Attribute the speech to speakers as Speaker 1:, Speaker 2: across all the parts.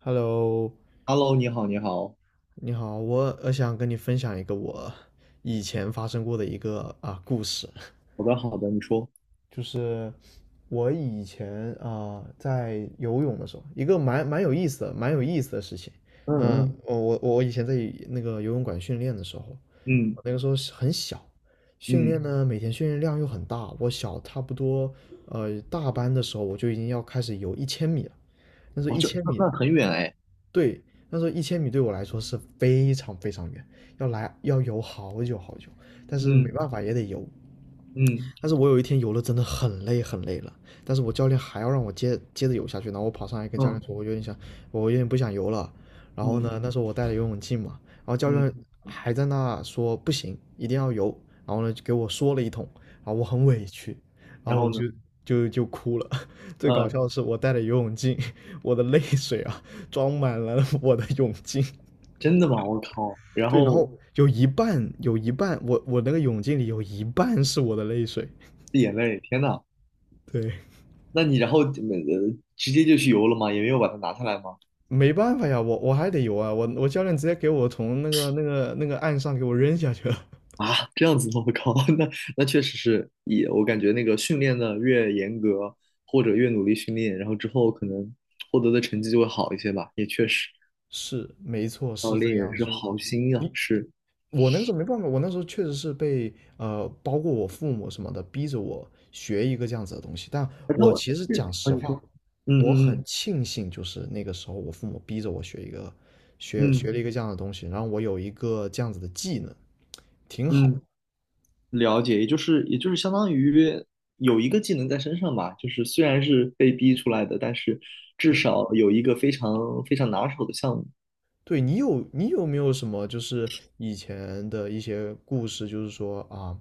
Speaker 1: Hello，
Speaker 2: Hello，你好，你好。
Speaker 1: 你好，我想跟你分享一个我以前发生过的一个啊故事，
Speaker 2: 好的，好的，你说。
Speaker 1: 就是我以前啊、在游泳的时候，一个蛮有意思的事情。
Speaker 2: 嗯
Speaker 1: 嗯，
Speaker 2: 嗯，
Speaker 1: 我以前在那个游泳馆训练的时候，
Speaker 2: 嗯
Speaker 1: 我那个时候是很小，训
Speaker 2: 嗯，
Speaker 1: 练呢每天训练量又很大，我小差不多大班的时候我就已经要开始游一千米了。那时候
Speaker 2: 哦，
Speaker 1: 一
Speaker 2: 这
Speaker 1: 千
Speaker 2: 那
Speaker 1: 米
Speaker 2: 那很远哎。
Speaker 1: 对，那时候一千米对我来说是非常非常远，要游好久好久，但是没
Speaker 2: 嗯
Speaker 1: 办法也得游。
Speaker 2: 嗯
Speaker 1: 但是我有一天游了真的很累很累了，但是我教练还要让我接着游下去，然后我跑上来跟教练
Speaker 2: 嗯
Speaker 1: 说，我有点想，我有点不想游了。然后
Speaker 2: 嗯
Speaker 1: 呢，那时候我带了游泳镜嘛，然后教
Speaker 2: 嗯，
Speaker 1: 练还在那说不行，一定要游。然后呢，就给我说了一通，然后我很委屈，然
Speaker 2: 然
Speaker 1: 后我
Speaker 2: 后呢？
Speaker 1: 就就就哭了。最搞
Speaker 2: 呃，
Speaker 1: 笑的是，我带了游泳镜，我的泪水啊，装满了我的泳镜。
Speaker 2: 真的吗？我靠，然
Speaker 1: 对，然
Speaker 2: 后
Speaker 1: 后有一半，我那个泳镜里有一半是我的泪水。
Speaker 2: 滴眼泪，天呐。
Speaker 1: 对。
Speaker 2: 那你然后直接就去游了吗？也没有把它拿下来吗？
Speaker 1: 没办法呀，我还得游啊，我教练直接给我从那个岸上给我扔下去了。
Speaker 2: 啊，这样子吗？我靠，那那确实是，也我感觉那个训练的越严格或者越努力训练，然后之后可能获得的成绩就会好一些吧，也确实，
Speaker 1: 是，没错，
Speaker 2: 教
Speaker 1: 是这个
Speaker 2: 练也
Speaker 1: 样子，
Speaker 2: 是
Speaker 1: 就是
Speaker 2: 好心啊，
Speaker 1: 你
Speaker 2: 是。
Speaker 1: 我那个时候没办法，我那时候确实是被包括我父母什么的逼着我学一个这样子的东西，但
Speaker 2: 哎那
Speaker 1: 我
Speaker 2: 我
Speaker 1: 其实
Speaker 2: 是
Speaker 1: 讲
Speaker 2: 啊，
Speaker 1: 实
Speaker 2: 你
Speaker 1: 话，
Speaker 2: 说。
Speaker 1: 我
Speaker 2: 嗯
Speaker 1: 很
Speaker 2: 嗯
Speaker 1: 庆幸就是那个时候我父母逼着我
Speaker 2: 嗯
Speaker 1: 学
Speaker 2: 嗯
Speaker 1: 了一个这样的东西，然后我有一个这样子的技能，挺好。
Speaker 2: 嗯，了解，也就是相当于有一个技能在身上吧，就是虽然是被逼出来的，但是至
Speaker 1: 对。
Speaker 2: 少有一个非常非常拿手的项目。
Speaker 1: 对你有没有什么就是以前的一些故事，就是说啊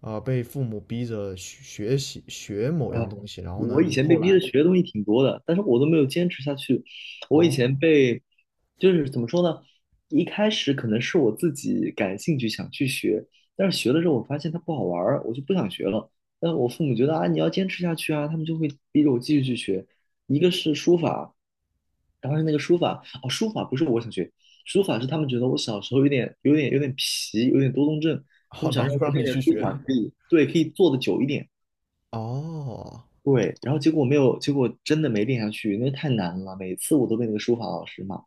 Speaker 1: 啊被父母逼着学某样
Speaker 2: 哎，
Speaker 1: 东西，然后呢
Speaker 2: 我以
Speaker 1: 你
Speaker 2: 前被
Speaker 1: 后
Speaker 2: 逼着
Speaker 1: 来
Speaker 2: 学的东西挺多的，但是我都没有坚持下去。我以前
Speaker 1: 哦，
Speaker 2: 被，就是怎么说呢？一开始可能是我自己感兴趣想去学，但是学了之后我发现它不好玩儿，我就不想学了。但我父母觉得啊，你要坚持下去啊，他们就会逼着我继续去学。一个是书法，当时那个书法，哦，书法不是我想学，书法是他们觉得我小时候有点皮，有点多动症，他们
Speaker 1: 好，
Speaker 2: 想
Speaker 1: 然后
Speaker 2: 让
Speaker 1: 就
Speaker 2: 我
Speaker 1: 让
Speaker 2: 练
Speaker 1: 你
Speaker 2: 练
Speaker 1: 去
Speaker 2: 书
Speaker 1: 学。
Speaker 2: 法，可以，对，可以坐的久一点。
Speaker 1: 哦，
Speaker 2: 对，然后结果没有，结果真的没练下去，因为太难了。每次我都被那个书法老师骂。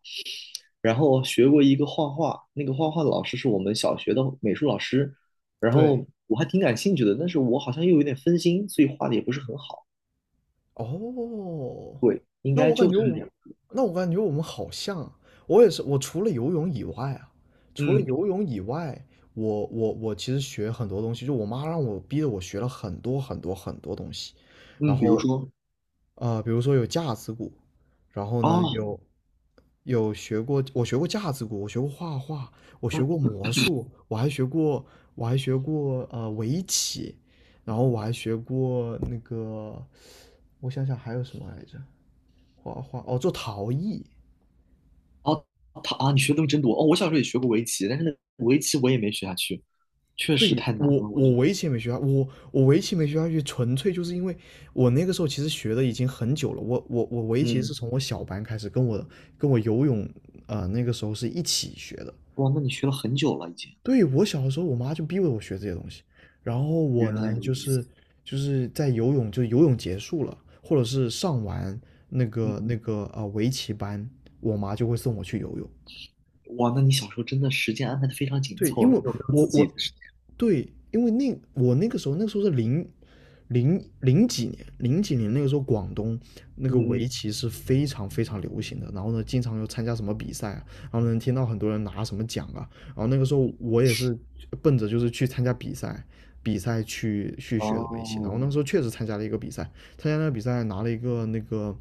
Speaker 2: 然后学过一个画画，那个画画的老师是我们小学的美术老师，然
Speaker 1: 对
Speaker 2: 后我还挺感兴趣的，但是我好像又有点分心，所以画的也不是很好。
Speaker 1: 哦，
Speaker 2: 对，应
Speaker 1: 那
Speaker 2: 该
Speaker 1: 我感
Speaker 2: 就
Speaker 1: 觉
Speaker 2: 这
Speaker 1: 我
Speaker 2: 这
Speaker 1: 们
Speaker 2: 样。
Speaker 1: 那我感觉我们好像啊，我也是我除了游泳以外啊，除了
Speaker 2: 嗯
Speaker 1: 游泳以外，我其实学很多东西，就我妈让我逼着我学了很多很多很多东西，然
Speaker 2: 嗯，比如
Speaker 1: 后。
Speaker 2: 说
Speaker 1: 比如说有架子鼓，然后
Speaker 2: 啊。
Speaker 1: 呢有学过。我学过架子鼓，我学过画画，我学过
Speaker 2: 嗯，
Speaker 1: 魔术，我还学过围棋，然后我还学过那个，我想想还有什么来着？画画哦，做陶艺。
Speaker 2: 他啊，你学的东西真多哦。我小时候也学过围棋，但是那个围棋我也没学下去，确实
Speaker 1: 对，
Speaker 2: 太难
Speaker 1: 我
Speaker 2: 了，我觉
Speaker 1: 我
Speaker 2: 得。
Speaker 1: 围棋没学下，我围棋没学下去，纯粹就是因为我那个时候其实学的已经很久了。我围棋是
Speaker 2: 嗯。
Speaker 1: 从我小班开始，跟我游泳，那个时候是一起学的。
Speaker 2: 哇，那你学了很久了已经。
Speaker 1: 对，我小的时候，我妈就逼着我学这些东西，然后我
Speaker 2: 原来
Speaker 1: 呢，
Speaker 2: 如
Speaker 1: 就
Speaker 2: 此。
Speaker 1: 是就是在游泳，就游泳结束了，或者是上完那个那
Speaker 2: 嗯。
Speaker 1: 个啊、呃围棋班，我妈就会送我去游泳。
Speaker 2: 哇，那你小时候真的时间安排的非常紧
Speaker 1: 对，
Speaker 2: 凑，
Speaker 1: 因
Speaker 2: 那
Speaker 1: 为
Speaker 2: 有没有
Speaker 1: 我
Speaker 2: 自己的
Speaker 1: 我
Speaker 2: 时间？
Speaker 1: 对，因为那我那个时候是零几年。零几年那个时候广东那个
Speaker 2: 嗯
Speaker 1: 围
Speaker 2: 嗯，
Speaker 1: 棋是非常非常流行的，然后呢，经常有参加什么比赛啊，然后能听到很多人拿什么奖啊，然后那个时候我也是奔着就是去参加比赛，比赛去学的
Speaker 2: 哦，
Speaker 1: 围棋，然后那个时候确实参加了一个比赛，参加那个比赛拿了一个那个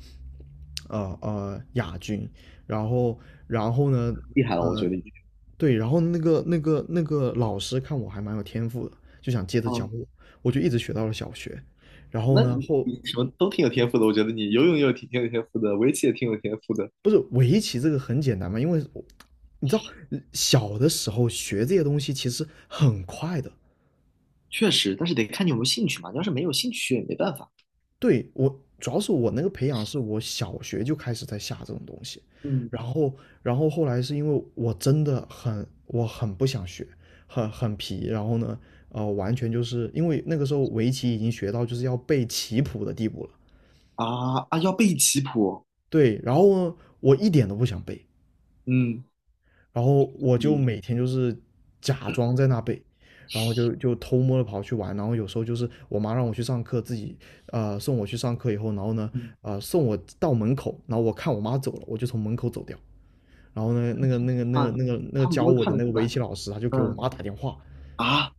Speaker 1: 亚军，然后然后呢
Speaker 2: 厉害了，我
Speaker 1: 呃。
Speaker 2: 觉得已经。
Speaker 1: 对，然后那个老师看我还蛮有天赋的，就想接着教
Speaker 2: 哦，
Speaker 1: 我，我就一直学到了小学。然后
Speaker 2: 那
Speaker 1: 呢，
Speaker 2: 你你什么都挺有天赋的，我觉得你游泳也有挺有天赋的，围棋也挺有天赋的。
Speaker 1: 不是围棋这个很简单嘛，因为你知道小的时候学这些东西其实很快的。
Speaker 2: 确实，但是得看你有没有兴趣嘛，你要是没有兴趣也没办法。
Speaker 1: 对，我主要是我那个培养是我小学就开始在下这种东西，
Speaker 2: 嗯。
Speaker 1: 然后然后后来是因为我很不想学，很皮。然后呢，完全就是因为那个时候围棋已经学到就是要背棋谱的地步了。
Speaker 2: 啊啊，要背棋谱。
Speaker 1: 对，然后呢，我一点都不想背，
Speaker 2: 嗯，
Speaker 1: 然后我就
Speaker 2: 你
Speaker 1: 每天就是假装在那背，然后就偷摸的跑去玩，然后有时候就是我妈让我去上课，自己送我去上课以后，然后呢
Speaker 2: 嗯。
Speaker 1: 送我到门口，然后我看我妈走了，我就从门口走掉，然后呢那个那个那个
Speaker 2: 啊，
Speaker 1: 那个那个
Speaker 2: 他们
Speaker 1: 教
Speaker 2: 不会
Speaker 1: 我
Speaker 2: 看
Speaker 1: 的
Speaker 2: 得
Speaker 1: 那
Speaker 2: 出
Speaker 1: 个围
Speaker 2: 来。
Speaker 1: 棋老师他就给我
Speaker 2: 嗯
Speaker 1: 妈打电话。
Speaker 2: 啊，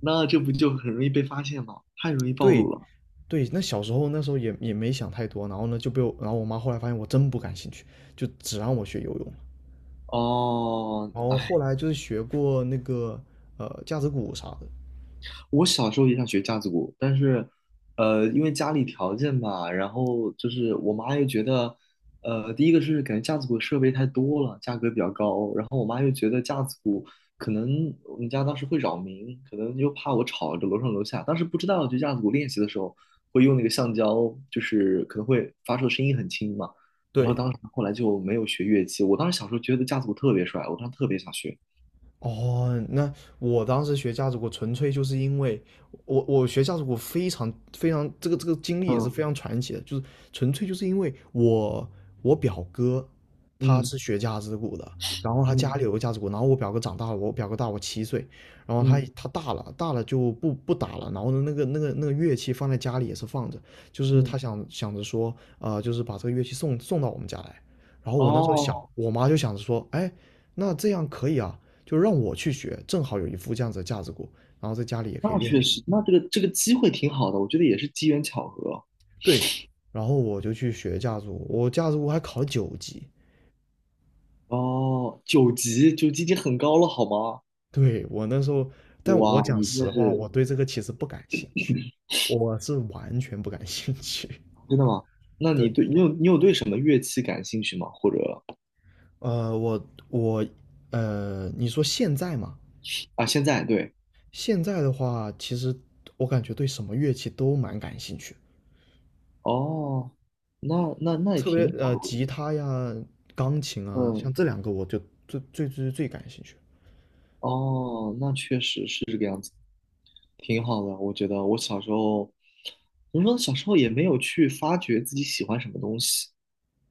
Speaker 2: 那这不就很容易被发现吗？太容易暴
Speaker 1: 对
Speaker 2: 露了。
Speaker 1: 对，那小时候那时候也没想太多，然后呢就被我，然后我妈后来发现我真不感兴趣，就只让我学游泳了。
Speaker 2: 哦，
Speaker 1: 然后后
Speaker 2: 哎。
Speaker 1: 来就是学过那个架子鼓啥的。
Speaker 2: 我小时候也想学架子鼓，但是，呃，因为家里条件吧，然后就是我妈又觉得，呃，第一个是感觉架子鼓的设备太多了，价格比较高，然后我妈又觉得架子鼓可能我们家当时会扰民，可能又怕我吵着楼上楼下，当时不知道就架子鼓练习的时候会用那个橡胶，就是可能会发出的声音很轻嘛，然后
Speaker 1: 对。
Speaker 2: 当时后来就没有学乐器，我当时小时候觉得架子鼓特别帅，我当时特别想学。
Speaker 1: 哦，那我当时学架子鼓，纯粹就是因为我学架子鼓非常非常这个经历也是
Speaker 2: 嗯
Speaker 1: 非常传奇的，就是纯粹就是因为我表哥他
Speaker 2: 嗯
Speaker 1: 是学架子鼓的。然后他家
Speaker 2: 嗯
Speaker 1: 里有个架子鼓，然后我表哥长大了，我表哥大我7岁，然后他
Speaker 2: 嗯
Speaker 1: 他大了就不打了，然后呢那个乐器放在家里也是放着，就是他
Speaker 2: 嗯，
Speaker 1: 想着说，就是把这个乐器送到我们家来。然后我那时候想，
Speaker 2: 哦。
Speaker 1: 我妈就想着说，哎。那这样可以啊，就让我去学，正好有一副这样子的架子鼓，然后在家里也可以
Speaker 2: 那
Speaker 1: 练
Speaker 2: 确
Speaker 1: 习。
Speaker 2: 实，那这个这个机会挺好的，我觉得也是机缘巧合。
Speaker 1: 对，然后我就去学架子鼓，我架子鼓还考了9级。
Speaker 2: 哦，九级，九级已经很高了，好吗？
Speaker 1: 对，我那时候，但我
Speaker 2: 哇，
Speaker 1: 讲
Speaker 2: 你这
Speaker 1: 实话，
Speaker 2: 是
Speaker 1: 我对这个其实不感兴趣，我是完全不感兴趣。
Speaker 2: 真的吗？那
Speaker 1: 对，
Speaker 2: 你对你有对什么乐器感兴趣吗？或者
Speaker 1: 呃，我我呃，你说现在嘛。
Speaker 2: 啊，现在对。
Speaker 1: 现在的话，其实我感觉对什么乐器都蛮感兴趣，
Speaker 2: 哦，那那那也
Speaker 1: 特别
Speaker 2: 挺好的，我觉
Speaker 1: 吉他呀、钢琴
Speaker 2: 得
Speaker 1: 啊，像
Speaker 2: 嗯。
Speaker 1: 这两个我就最感兴趣。
Speaker 2: 哦，那确实是这个样子，挺好的。我觉得我小时候，怎么说呢，小时候也没有去发掘自己喜欢什么东西，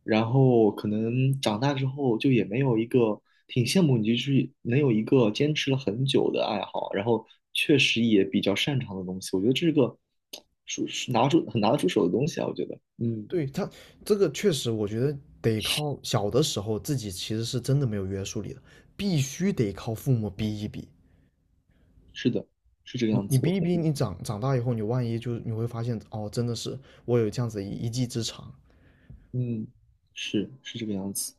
Speaker 2: 然后可能长大之后就也没有一个挺羡慕你，就是能有一个坚持了很久的爱好，然后确实也比较擅长的东西，我觉得这是个是拿出很拿得出手的东西啊，我觉得，嗯。
Speaker 1: 对，他这个确实，我觉得得靠小的时候自己其实是真的没有约束力的，必须得靠父母逼一逼。
Speaker 2: 是的，是这个
Speaker 1: 你
Speaker 2: 样
Speaker 1: 你
Speaker 2: 子，我
Speaker 1: 逼一
Speaker 2: 同
Speaker 1: 逼，
Speaker 2: 意。
Speaker 1: 你长大以后，你万一就你会发现，哦，真的是我有这样子一技之长，
Speaker 2: 嗯，是这个样子。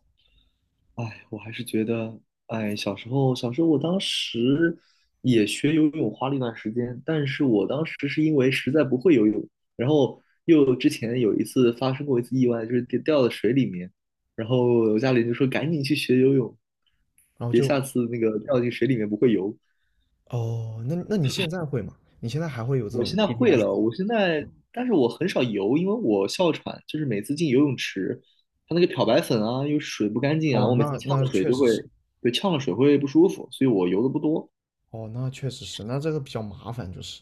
Speaker 2: 哎，我还是觉得，哎，小时候，小时候，我当时也学游泳，花了一段时间，但是我当时是因为实在不会游泳，然后又之前有一次发生过一次意外，就是跌掉到水里面，然后我家里人就说赶紧去学游泳，
Speaker 1: 然后
Speaker 2: 别
Speaker 1: 就
Speaker 2: 下次那个掉进水里面不会游。
Speaker 1: 哦，那你现在会吗？你现在还会有这
Speaker 2: 我
Speaker 1: 种
Speaker 2: 现在会了，
Speaker 1: PTSD？
Speaker 2: 我现在，但是我很少游，因为我哮喘，就是每次进游泳池，它那个漂白粉啊，又水不干净啊，
Speaker 1: 哦，
Speaker 2: 我每次
Speaker 1: 那
Speaker 2: 呛
Speaker 1: 那
Speaker 2: 了水
Speaker 1: 确
Speaker 2: 就
Speaker 1: 实
Speaker 2: 会，
Speaker 1: 是。
Speaker 2: 对，呛了水会不舒服，所以我游的不多。
Speaker 1: 哦，那确实是，那这个比较麻烦，就是。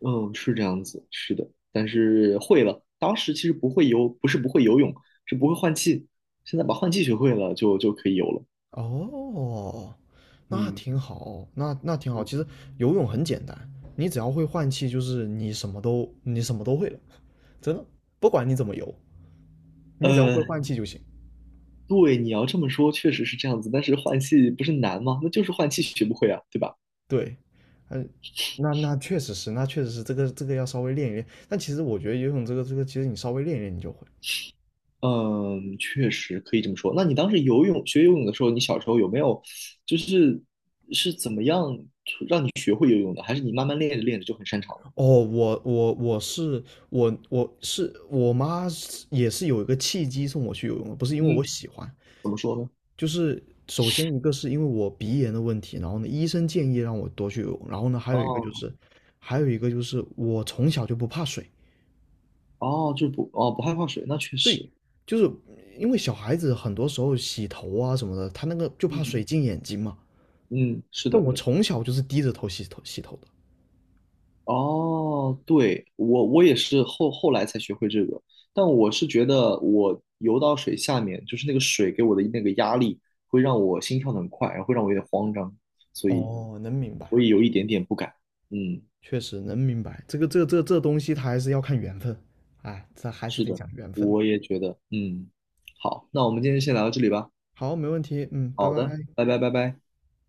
Speaker 2: 嗯，是这样子，是的，但是会了。当时其实不会游，不是不会游泳，是不会换气。现在把换气学会了，就可以游了。
Speaker 1: 哦，那
Speaker 2: 嗯
Speaker 1: 挺好，那挺好。
Speaker 2: 嗯，
Speaker 1: 其实游泳很简单，你只要会换气，就是你什么都会了，真的，不管你怎么游，你只要会
Speaker 2: 呃，
Speaker 1: 换气就行。
Speaker 2: 对，你要这么说，确实是这样子。但是换气不是难吗？那就是换气学不会啊，对吧？
Speaker 1: 对，嗯，那确实是这个要稍微练一练。但其实我觉得游泳这个，其实你稍微练一练你就会。
Speaker 2: 嗯，确实可以这么说。那你当时游泳学游泳的时候，你小时候有没有就是是怎么样让你学会游泳的？还是你慢慢练着练着就很擅长了？
Speaker 1: 哦，我妈也是有一个契机送我去游泳的，不是因为我
Speaker 2: 嗯。
Speaker 1: 喜欢。
Speaker 2: 怎么说呢？
Speaker 1: 就是首先一个是因为我鼻炎的问题，然后呢，医生建议让我多去游泳，然后呢，
Speaker 2: 哦
Speaker 1: 还有一个就是我从小就不怕水。
Speaker 2: 哦，就是不不害怕水，那确
Speaker 1: 对，
Speaker 2: 实。
Speaker 1: 就是因为小孩子很多时候洗头啊什么的，他那个就怕
Speaker 2: 嗯
Speaker 1: 水进眼睛嘛，
Speaker 2: 嗯，是
Speaker 1: 但
Speaker 2: 的。
Speaker 1: 我从小就是低着头洗头的。
Speaker 2: 哦，对，我我也是后来才学会这个，但我是觉得我游到水下面，就是那个水给我的那个压力，会让我心跳得很快，然后会让我有点慌张，所以
Speaker 1: 哦，能明白，
Speaker 2: 我也有一点点不敢。嗯，
Speaker 1: 确实能明白，这东西它还是要看缘分，哎，这还是
Speaker 2: 是
Speaker 1: 得
Speaker 2: 的，
Speaker 1: 讲缘分。
Speaker 2: 我也觉得，嗯。好，那我们今天先聊到这里吧。
Speaker 1: 好，没问题，嗯，拜
Speaker 2: 好
Speaker 1: 拜。
Speaker 2: 的，拜拜拜拜。